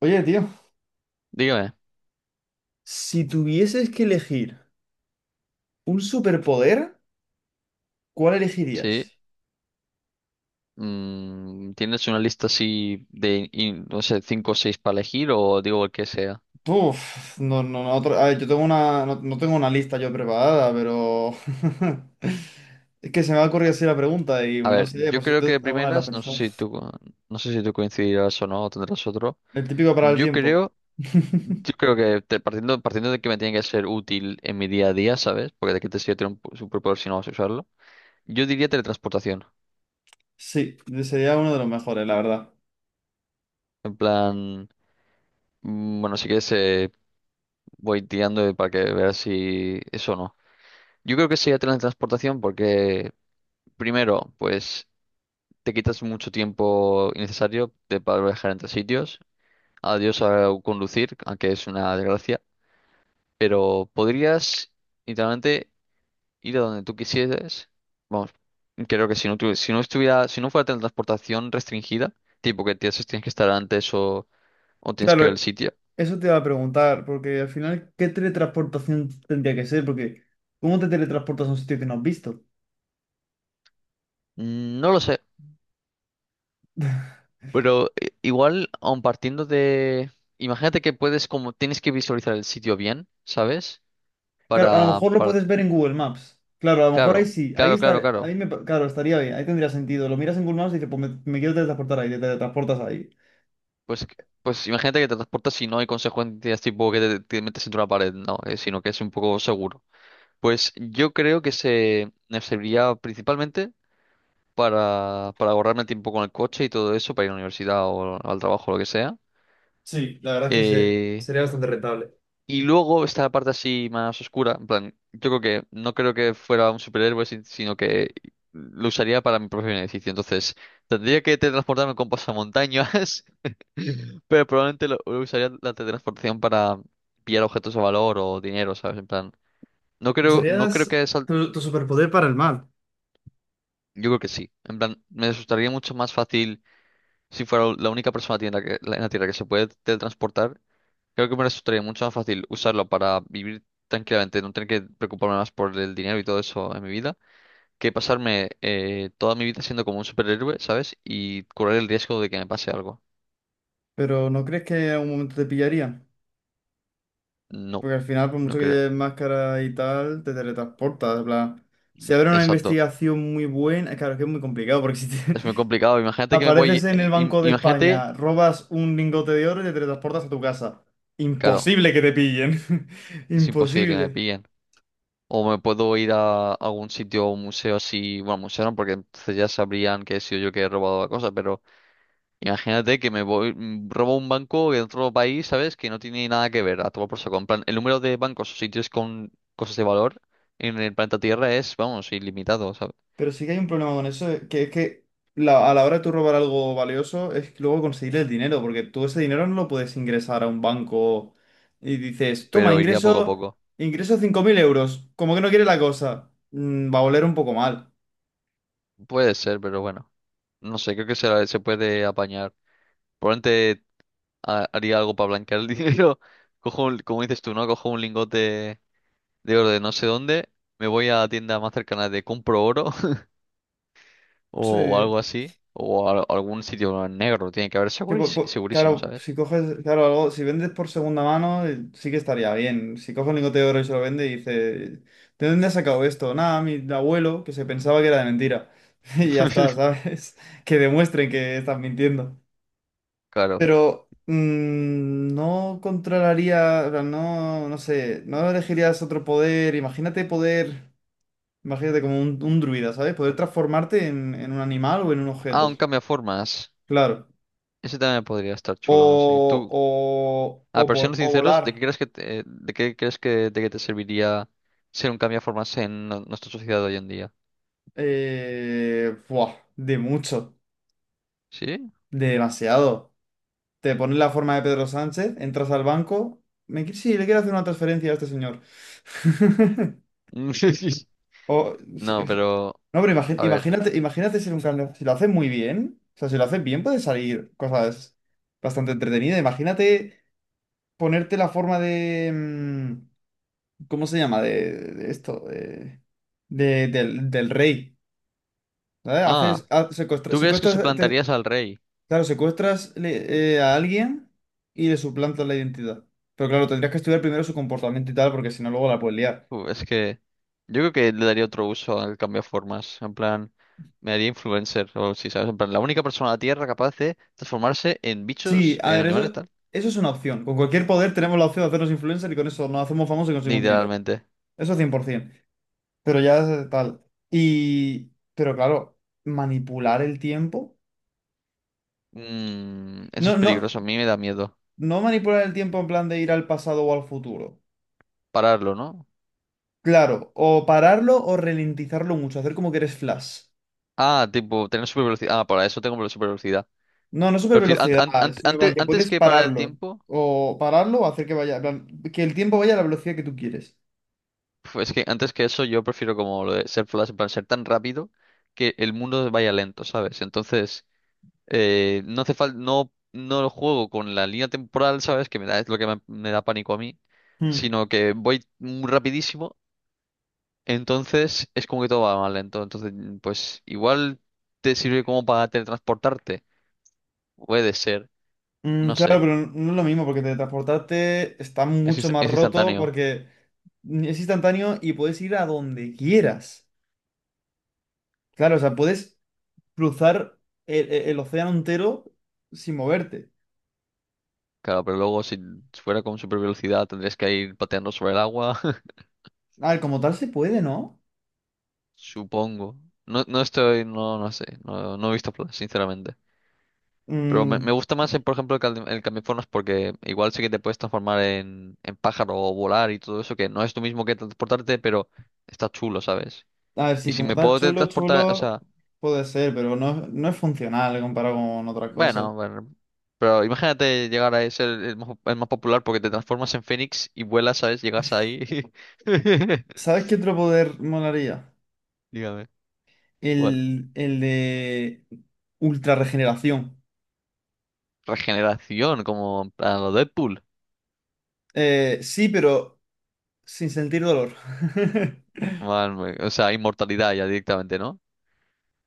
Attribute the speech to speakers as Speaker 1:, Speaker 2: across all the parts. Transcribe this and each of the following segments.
Speaker 1: Oye, tío,
Speaker 2: Dígame,
Speaker 1: si tuvieses que elegir un superpoder, ¿cuál
Speaker 2: sí.
Speaker 1: elegirías?
Speaker 2: ¿Tienes una lista así de, in- no sé, cinco o seis para elegir o digo el que sea?
Speaker 1: Uf, no, no, no, otro- a ver, yo tengo una, no tengo una lista yo preparada, pero es que se me ha ocurrido así la pregunta y
Speaker 2: A
Speaker 1: bueno, no
Speaker 2: ver,
Speaker 1: sé,
Speaker 2: yo
Speaker 1: por si
Speaker 2: creo que
Speaker 1: tú
Speaker 2: de
Speaker 1: alguna vez la has
Speaker 2: primeras, no sé
Speaker 1: pensado.
Speaker 2: si tú, no sé si tú coincidirás o no, o tendrás otro.
Speaker 1: El típico para el
Speaker 2: Yo
Speaker 1: tiempo.
Speaker 2: creo, yo creo que partiendo de que me tiene que ser útil en mi día a día, ¿sabes? Porque de qué te sirve tener un pu- superpoder si no vas a usarlo. Yo diría teletransportación.
Speaker 1: Sí, sería uno de los mejores, la verdad.
Speaker 2: En plan, bueno, si quieres voy tirando para que veas si eso o no. Yo creo que sería teletransportación porque primero, pues te quitas mucho tiempo innecesario de para viajar entre sitios. Adiós a conducir, aunque es una desgracia. Pero podrías literalmente ir a donde tú quisieras. Vamos, creo que si no, si no fuera transportación restringida, tipo que tienes que estar antes o tienes
Speaker 1: Claro,
Speaker 2: que ver el sitio.
Speaker 1: eso te iba a preguntar, porque al final, ¿qué teletransportación tendría que ser? Porque ¿cómo te teletransportas a un sitio que no has visto?
Speaker 2: No lo sé. Pero igual, aun partiendo de. Imagínate que puedes, como tienes que visualizar el sitio bien, ¿sabes?
Speaker 1: Claro, a lo
Speaker 2: Para,
Speaker 1: mejor lo
Speaker 2: para,
Speaker 1: puedes ver en Google Maps. Claro, a lo mejor ahí
Speaker 2: claro,
Speaker 1: sí, ahí
Speaker 2: claro, claro,
Speaker 1: estar,
Speaker 2: claro.
Speaker 1: claro, estaría bien, ahí tendría sentido. Lo miras en Google Maps y dices, pues me quiero teletransportar ahí, te teletransportas ahí.
Speaker 2: Pues, pues imagínate que te transportas y no hay consecuencias tipo que te metes entre una pared, no, sino que es un poco seguro. Pues yo creo que se me serviría principalmente para ahorrarme el tiempo con el coche y todo eso, para ir a la universidad o al trabajo o lo que sea.
Speaker 1: Sí, la verdad es que
Speaker 2: Eh,
Speaker 1: sería bastante rentable.
Speaker 2: y luego está la parte así más oscura, en plan, yo creo que no creo que fuera un superhéroe, sino que lo usaría para mi propio beneficio. Entonces, tendría que teletransportarme con pasamontañas, pero probablemente lo usaría la teletransportación para pillar objetos de valor o dinero, ¿sabes? En plan, no creo
Speaker 1: Usarías
Speaker 2: que sal-
Speaker 1: tu superpoder para el mal.
Speaker 2: yo creo que sí. En plan, me resultaría mucho más fácil si fuera la única persona en en la Tierra que se puede teletransportar. Creo que me resultaría mucho más fácil usarlo para vivir tranquilamente, no tener que preocuparme más por el dinero y todo eso en mi vida, que pasarme toda mi vida siendo como un superhéroe, ¿sabes? Y correr el riesgo de que me pase algo.
Speaker 1: Pero ¿no crees que en algún momento te pillaría?
Speaker 2: No,
Speaker 1: Porque al final, por
Speaker 2: no
Speaker 1: mucho que
Speaker 2: creo.
Speaker 1: lleves máscara y tal, te teletransportas, en plan, si habrá una
Speaker 2: Exacto.
Speaker 1: investigación muy buena, claro, es que es muy complicado, porque si te,
Speaker 2: Es muy complicado. Imagínate que me
Speaker 1: apareces
Speaker 2: voy...
Speaker 1: en el Banco de
Speaker 2: Imagínate...
Speaker 1: España, robas un lingote de oro y te teletransportas a tu casa.
Speaker 2: Claro,
Speaker 1: Imposible que te pillen.
Speaker 2: es imposible que me
Speaker 1: Imposible.
Speaker 2: pillen. O me puedo ir a algún sitio, un museo así... Bueno, museo no, porque entonces ya sabrían que he sido yo que he robado la cosa, pero... Imagínate que me voy, robo un banco de otro país, ¿sabes? Que no tiene nada que ver, a todo por saco. En plan, el número de bancos o sitios con cosas de valor en el planeta Tierra es, vamos, ilimitado, ¿sabes?
Speaker 1: Pero sí que hay un problema con eso, que es que a la hora de tú robar algo valioso es luego conseguir el dinero, porque tú ese dinero no lo puedes ingresar a un banco y dices, toma,
Speaker 2: Pero iría poco a
Speaker 1: ingreso,
Speaker 2: poco.
Speaker 1: ingreso 5.000 euros, como que no quiere la cosa. Va a oler un poco mal.
Speaker 2: Puede ser, pero bueno. No sé, creo que se puede apañar. Probablemente haría algo para blanquear el dinero. Cojo un- como dices tú, ¿no? Cojo un lingote de oro de no sé dónde. Me voy a la tienda más cercana de compro oro o
Speaker 1: Sí.
Speaker 2: algo así. O algún sitio negro. Tiene que haber
Speaker 1: Que,
Speaker 2: segurísimo, segurísimo,
Speaker 1: claro,
Speaker 2: ¿sabes?
Speaker 1: si coges, claro, algo, si vendes por segunda mano, sí que estaría bien. Si coges un lingote de oro y se lo vende y dice ¿de dónde has sacado esto? Nada, mi abuelo, que se pensaba que era de mentira. Y ya está, ¿sabes? Que demuestren que estás mintiendo.
Speaker 2: Claro.
Speaker 1: Pero no controlaría, o sea, no, no sé, no elegirías otro poder. Imagínate como un druida, ¿sabes? Poder transformarte en un animal o en un
Speaker 2: Ah,
Speaker 1: objeto.
Speaker 2: un cambiaformas.
Speaker 1: Claro.
Speaker 2: Ese también podría estar chulo, no sé. Tú, a ver, siendo
Speaker 1: O
Speaker 2: sinceros,
Speaker 1: volar.
Speaker 2: ¿de qué crees que de qué te serviría ser un cambiaformas en no- nuestra sociedad de hoy en día?
Speaker 1: Buah, de mucho,
Speaker 2: ¿Sí?
Speaker 1: de demasiado. Te pones la forma de Pedro Sánchez, entras al banco. Sí, le quiero hacer una transferencia a este señor. O- es-
Speaker 2: No,
Speaker 1: es-
Speaker 2: pero,
Speaker 1: no, pero
Speaker 2: a ver.
Speaker 1: imagínate, imagínate ser un cambio. Si lo haces muy bien, o sea, si lo haces bien, puede salir cosas bastante entretenidas. Imagínate ponerte la forma de, ¿cómo se llama? De esto, del, del rey. ¿Vale? Haces,
Speaker 2: Ah, ¿tú crees que
Speaker 1: secuestras,
Speaker 2: suplantarías al rey?
Speaker 1: claro, secuestras a alguien y le suplantas la identidad. Pero claro, tendrías que estudiar primero su comportamiento y tal, porque si no, luego la puedes liar.
Speaker 2: Es que yo creo que le daría otro uso al formas. En plan, me haría influencer o si ¿sabes? En plan, la única persona en la Tierra capaz de transformarse en
Speaker 1: Sí,
Speaker 2: bichos,
Speaker 1: a
Speaker 2: en
Speaker 1: ver,
Speaker 2: animales, tal.
Speaker 1: eso es una opción. Con cualquier poder tenemos la opción de hacernos influencer y con eso nos hacemos famosos y conseguimos dinero.
Speaker 2: Literalmente.
Speaker 1: Eso 100%. Pero ya tal. Pero claro, manipular el tiempo.
Speaker 2: Eso
Speaker 1: No,
Speaker 2: es
Speaker 1: no,
Speaker 2: peligroso, a mí me da miedo.
Speaker 1: no manipular el tiempo en plan de ir al pasado o al futuro.
Speaker 2: Pararlo, ¿no?
Speaker 1: Claro, o pararlo o ralentizarlo mucho, hacer como que eres Flash.
Speaker 2: Ah, tipo, tener super velocidad. Ah, para eso tengo la super velocidad.
Speaker 1: No, no super
Speaker 2: Prefiero,
Speaker 1: velocidad, sino en plan que
Speaker 2: antes
Speaker 1: puedes
Speaker 2: que parar el
Speaker 1: pararlo.
Speaker 2: tiempo,
Speaker 1: O pararlo o hacer que vaya, en plan, que el tiempo vaya a la velocidad que tú quieres.
Speaker 2: pues es que antes que eso yo prefiero como lo de ser Flash, en plan, ser tan rápido que el mundo vaya lento, ¿sabes? Entonces, no hace falta, no lo juego con la línea temporal, ¿sabes? Que me da, es lo que me da pánico a mí,
Speaker 1: Hmm.
Speaker 2: sino que voy muy rapidísimo. Entonces es como que todo va mal lento. Entonces, pues igual te sirve como para teletransportarte. Puede ser, no
Speaker 1: Claro,
Speaker 2: sé.
Speaker 1: pero no es lo mismo porque teletransportarte está
Speaker 2: Es,
Speaker 1: mucho más
Speaker 2: es
Speaker 1: roto
Speaker 2: instantáneo.
Speaker 1: porque es instantáneo y puedes ir a donde quieras. Claro, o sea, puedes cruzar el océano entero sin moverte.
Speaker 2: Claro, pero luego si fuera con super velocidad tendrías que ir pateando sobre el agua.
Speaker 1: A ver, como tal se puede, ¿no?
Speaker 2: Supongo. No sé. No, no he visto Flash, sinceramente. Pero
Speaker 1: Mm,
Speaker 2: me gusta más, por ejemplo, el, el cambiaformas porque igual sí que te puedes transformar en pájaro o volar y todo eso, que no es lo mismo que transportarte, pero está chulo, ¿sabes?
Speaker 1: a ver,
Speaker 2: Y
Speaker 1: sí,
Speaker 2: si
Speaker 1: como
Speaker 2: me
Speaker 1: tal,
Speaker 2: puedo
Speaker 1: chulo,
Speaker 2: teletransportar, o
Speaker 1: chulo,
Speaker 2: sea.
Speaker 1: puede ser, pero no, no es funcional comparado con otras cosas.
Speaker 2: Bueno, bueno, pero imagínate llegar a ser el más popular porque te transformas en Fénix y vuelas, ¿sabes? Llegas ahí.
Speaker 1: ¿Sabes qué otro poder molaría?
Speaker 2: Dígame. ¿Cuál?
Speaker 1: El de ultra regeneración.
Speaker 2: Regeneración, como a lo Deadpool.
Speaker 1: Sí, pero sin sentir dolor.
Speaker 2: Man, o sea, inmortalidad ya directamente, ¿no?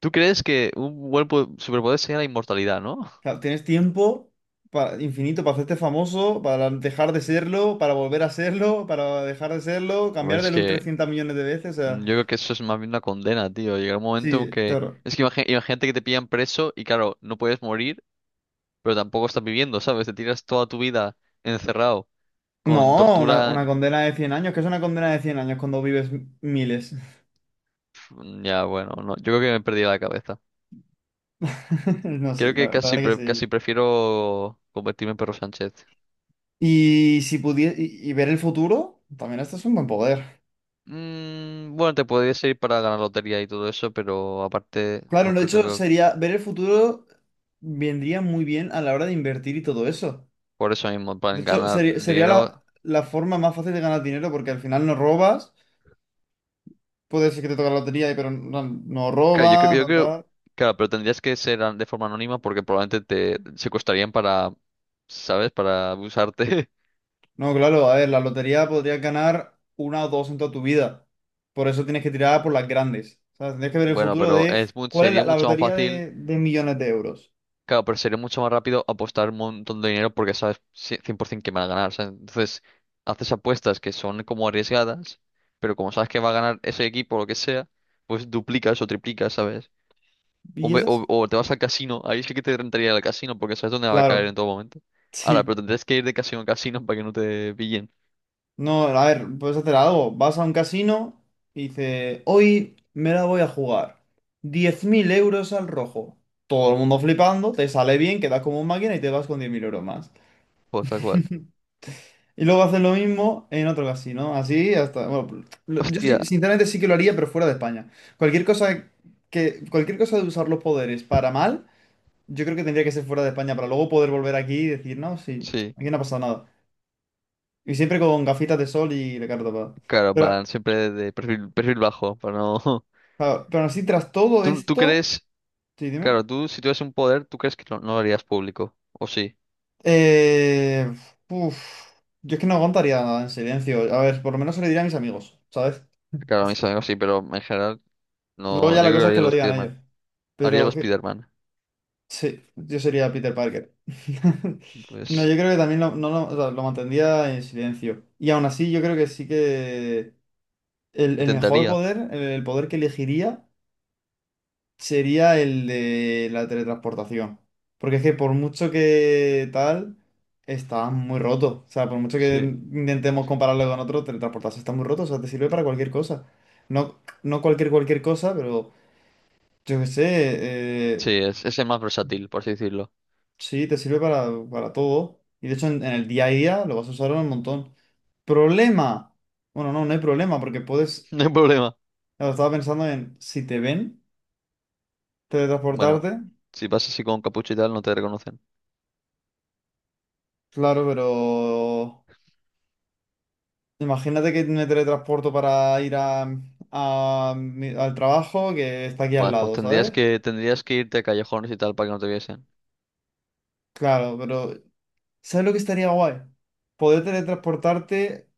Speaker 2: ¿Tú crees que un buen po- superpoder sería la inmortalidad, no?
Speaker 1: Claro, tienes tiempo para, infinito para hacerte famoso, para dejar de serlo, para volver a serlo, para dejar de serlo, cambiar de
Speaker 2: Pues
Speaker 1: look
Speaker 2: que
Speaker 1: 300 millones de veces. O sea,
Speaker 2: yo creo que eso es más bien una condena, tío. Llegará un momento en
Speaker 1: sí,
Speaker 2: que...
Speaker 1: claro.
Speaker 2: Es que imagínate que te pillan preso y claro, no puedes morir, pero tampoco estás viviendo, ¿sabes? Te tiras toda tu vida encerrado con
Speaker 1: No,
Speaker 2: tortura.
Speaker 1: una condena de 100 años. ¿Qué es una condena de 100 años cuando vives miles?
Speaker 2: Ya, bueno, no, yo creo que me he perdido la cabeza.
Speaker 1: No, sí,
Speaker 2: Creo
Speaker 1: la
Speaker 2: que
Speaker 1: verdad es que
Speaker 2: casi
Speaker 1: sí.
Speaker 2: prefiero convertirme en Perro Sánchez.
Speaker 1: Y si pudiese y ver el futuro, también este es un buen poder.
Speaker 2: Bueno, te podría ir para ganar lotería y todo eso, pero aparte,
Speaker 1: Claro,
Speaker 2: no
Speaker 1: de
Speaker 2: creo
Speaker 1: hecho,
Speaker 2: que
Speaker 1: sería ver el futuro, vendría muy bien a la hora de invertir y todo eso.
Speaker 2: por eso mismo, para
Speaker 1: De hecho,
Speaker 2: ganar
Speaker 1: sería, sería
Speaker 2: dinero.
Speaker 1: la forma más fácil de ganar dinero porque al final no robas. Puede ser que te toque la lotería, pero no, no robas,
Speaker 2: Yo
Speaker 1: no
Speaker 2: creo,
Speaker 1: tal.
Speaker 2: claro, pero tendrías que ser an- de forma anónima porque probablemente te secuestrarían para, ¿sabes? Para abusarte.
Speaker 1: No, claro, a ver, la lotería podrías ganar una o dos en toda tu vida. Por eso tienes que tirar por las grandes. O sea, tienes que ver el
Speaker 2: Bueno,
Speaker 1: futuro
Speaker 2: pero
Speaker 1: de
Speaker 2: es mu-
Speaker 1: cuál es
Speaker 2: sería
Speaker 1: la
Speaker 2: mucho más
Speaker 1: lotería
Speaker 2: fácil.
Speaker 1: de millones de euros.
Speaker 2: Claro, pero sería mucho más rápido apostar un montón de dinero porque sabes ci- cien por 100% que van a ganar. ¿Sabes? Entonces, haces apuestas que son como arriesgadas, pero como sabes que va a ganar ese equipo o lo que sea, pues duplicas o triplicas, ¿sabes? O,
Speaker 1: Y esas,
Speaker 2: o te vas al casino, ahí sí que te rentaría el casino porque sabes dónde va a caer
Speaker 1: claro.
Speaker 2: en todo momento. Ahora,
Speaker 1: Sí.
Speaker 2: pero tendrías que ir de casino a casino para que no te pillen.
Speaker 1: No, a ver, puedes hacer algo. Vas a un casino y dices, hoy me la voy a jugar 10.000 euros al rojo. Todo el mundo flipando, te sale bien, quedas como un máquina y te vas con 10.000 euros más.
Speaker 2: Pues tal cual.
Speaker 1: Y luego haces lo mismo en otro casino, así hasta... Bueno,
Speaker 2: Hostia,
Speaker 1: sinceramente sí que lo haría, pero fuera de España. Cualquier cosa cualquier cosa de usar los poderes para mal, yo creo que tendría que ser fuera de España para luego poder volver aquí y decir, no, sí,
Speaker 2: sí.
Speaker 1: aquí no ha pasado nada. Y siempre con gafitas de sol y la cara tapada.
Speaker 2: Claro,
Speaker 1: Pero
Speaker 2: van siempre de perfil, perfil bajo, para no...
Speaker 1: claro, pero aún así, tras todo
Speaker 2: ¿Tú, tú
Speaker 1: esto,
Speaker 2: crees...
Speaker 1: sí, dime.
Speaker 2: Claro, tú si tuvieras un poder, ¿tú crees que no lo harías público? ¿O sí?
Speaker 1: Eh, uf, yo es que no aguantaría nada en silencio. A ver, por lo menos se lo diría a mis amigos, ¿sabes?
Speaker 2: Claro, a mis amigos sí, pero en general
Speaker 1: Luego
Speaker 2: no.
Speaker 1: ya
Speaker 2: Yo
Speaker 1: la
Speaker 2: creo que
Speaker 1: cosa es que
Speaker 2: haría
Speaker 1: lo
Speaker 2: los
Speaker 1: digan ellos.
Speaker 2: Spiderman. Haría
Speaker 1: Pero
Speaker 2: los
Speaker 1: que,
Speaker 2: Spiderman.
Speaker 1: sí, yo sería Peter Parker. No,
Speaker 2: Pues
Speaker 1: yo creo que también lo, no lo, o sea, lo mantendría en silencio. Y aún así, yo creo que sí que el mejor
Speaker 2: intentaría.
Speaker 1: poder, el poder que elegiría sería el de la teletransportación. Porque es que por mucho que tal, está muy roto. O sea, por mucho que
Speaker 2: Sí.
Speaker 1: intentemos compararlo con otro, teletransportarse está muy roto. O sea, te sirve para cualquier cosa. No, cualquier cosa, pero yo qué sé,
Speaker 2: Sí,
Speaker 1: eh,
Speaker 2: es el más versátil, por así decirlo.
Speaker 1: sí, te sirve para todo. Y de hecho en el día a día lo vas a usar un montón. Problema. Bueno, no, no hay problema porque puedes...
Speaker 2: No hay problema.
Speaker 1: Claro, estaba pensando en si te ven
Speaker 2: Bueno,
Speaker 1: teletransportarte.
Speaker 2: si vas así con capucha y tal, no te reconocen.
Speaker 1: Claro, pero... Imagínate que me teletransporto para ir a, al trabajo que está aquí al
Speaker 2: Vale, pues
Speaker 1: lado, ¿sabes?
Speaker 2: tendrías que irte a callejones y tal para que no te viesen.
Speaker 1: Claro, pero ¿sabes lo que estaría guay? Poder teletransportarte,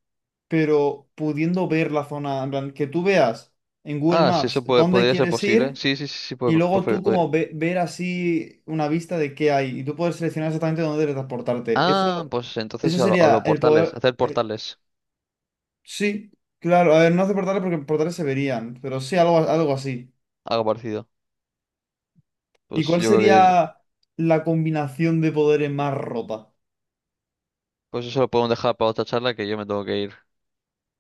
Speaker 1: pero pudiendo ver la zona, en plan, que tú veas en Google
Speaker 2: Ah, sí,
Speaker 1: Maps
Speaker 2: eso puede-
Speaker 1: dónde
Speaker 2: podría ser
Speaker 1: quieres
Speaker 2: posible.
Speaker 1: ir
Speaker 2: Sí, sí, sí, sí,
Speaker 1: y
Speaker 2: puede, pues,
Speaker 1: luego
Speaker 2: puede-
Speaker 1: tú
Speaker 2: puede.
Speaker 1: como ver así una vista de qué hay y tú puedes seleccionar exactamente dónde teletransportarte.
Speaker 2: Ah, pues
Speaker 1: Eso
Speaker 2: entonces a
Speaker 1: sería
Speaker 2: los
Speaker 1: el
Speaker 2: portales,
Speaker 1: poder...
Speaker 2: hacer portales,
Speaker 1: Sí, claro, a ver, no hace portales porque portales se verían, pero sí algo, algo así.
Speaker 2: algo parecido.
Speaker 1: ¿Y
Speaker 2: Pues
Speaker 1: cuál
Speaker 2: yo creo que,
Speaker 1: sería la combinación de poderes más rota?
Speaker 2: pues eso lo podemos dejar para otra charla que yo me tengo que ir.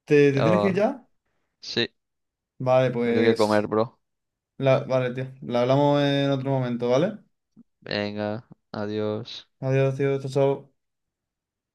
Speaker 1: Te tienes que ir
Speaker 2: Ya,
Speaker 1: ya?
Speaker 2: sí.
Speaker 1: Vale,
Speaker 2: Me tengo que comer,
Speaker 1: pues...
Speaker 2: bro.
Speaker 1: vale, tío. La hablamos en otro momento, ¿vale?
Speaker 2: Venga, adiós.
Speaker 1: Adiós, tío. Chao, chao.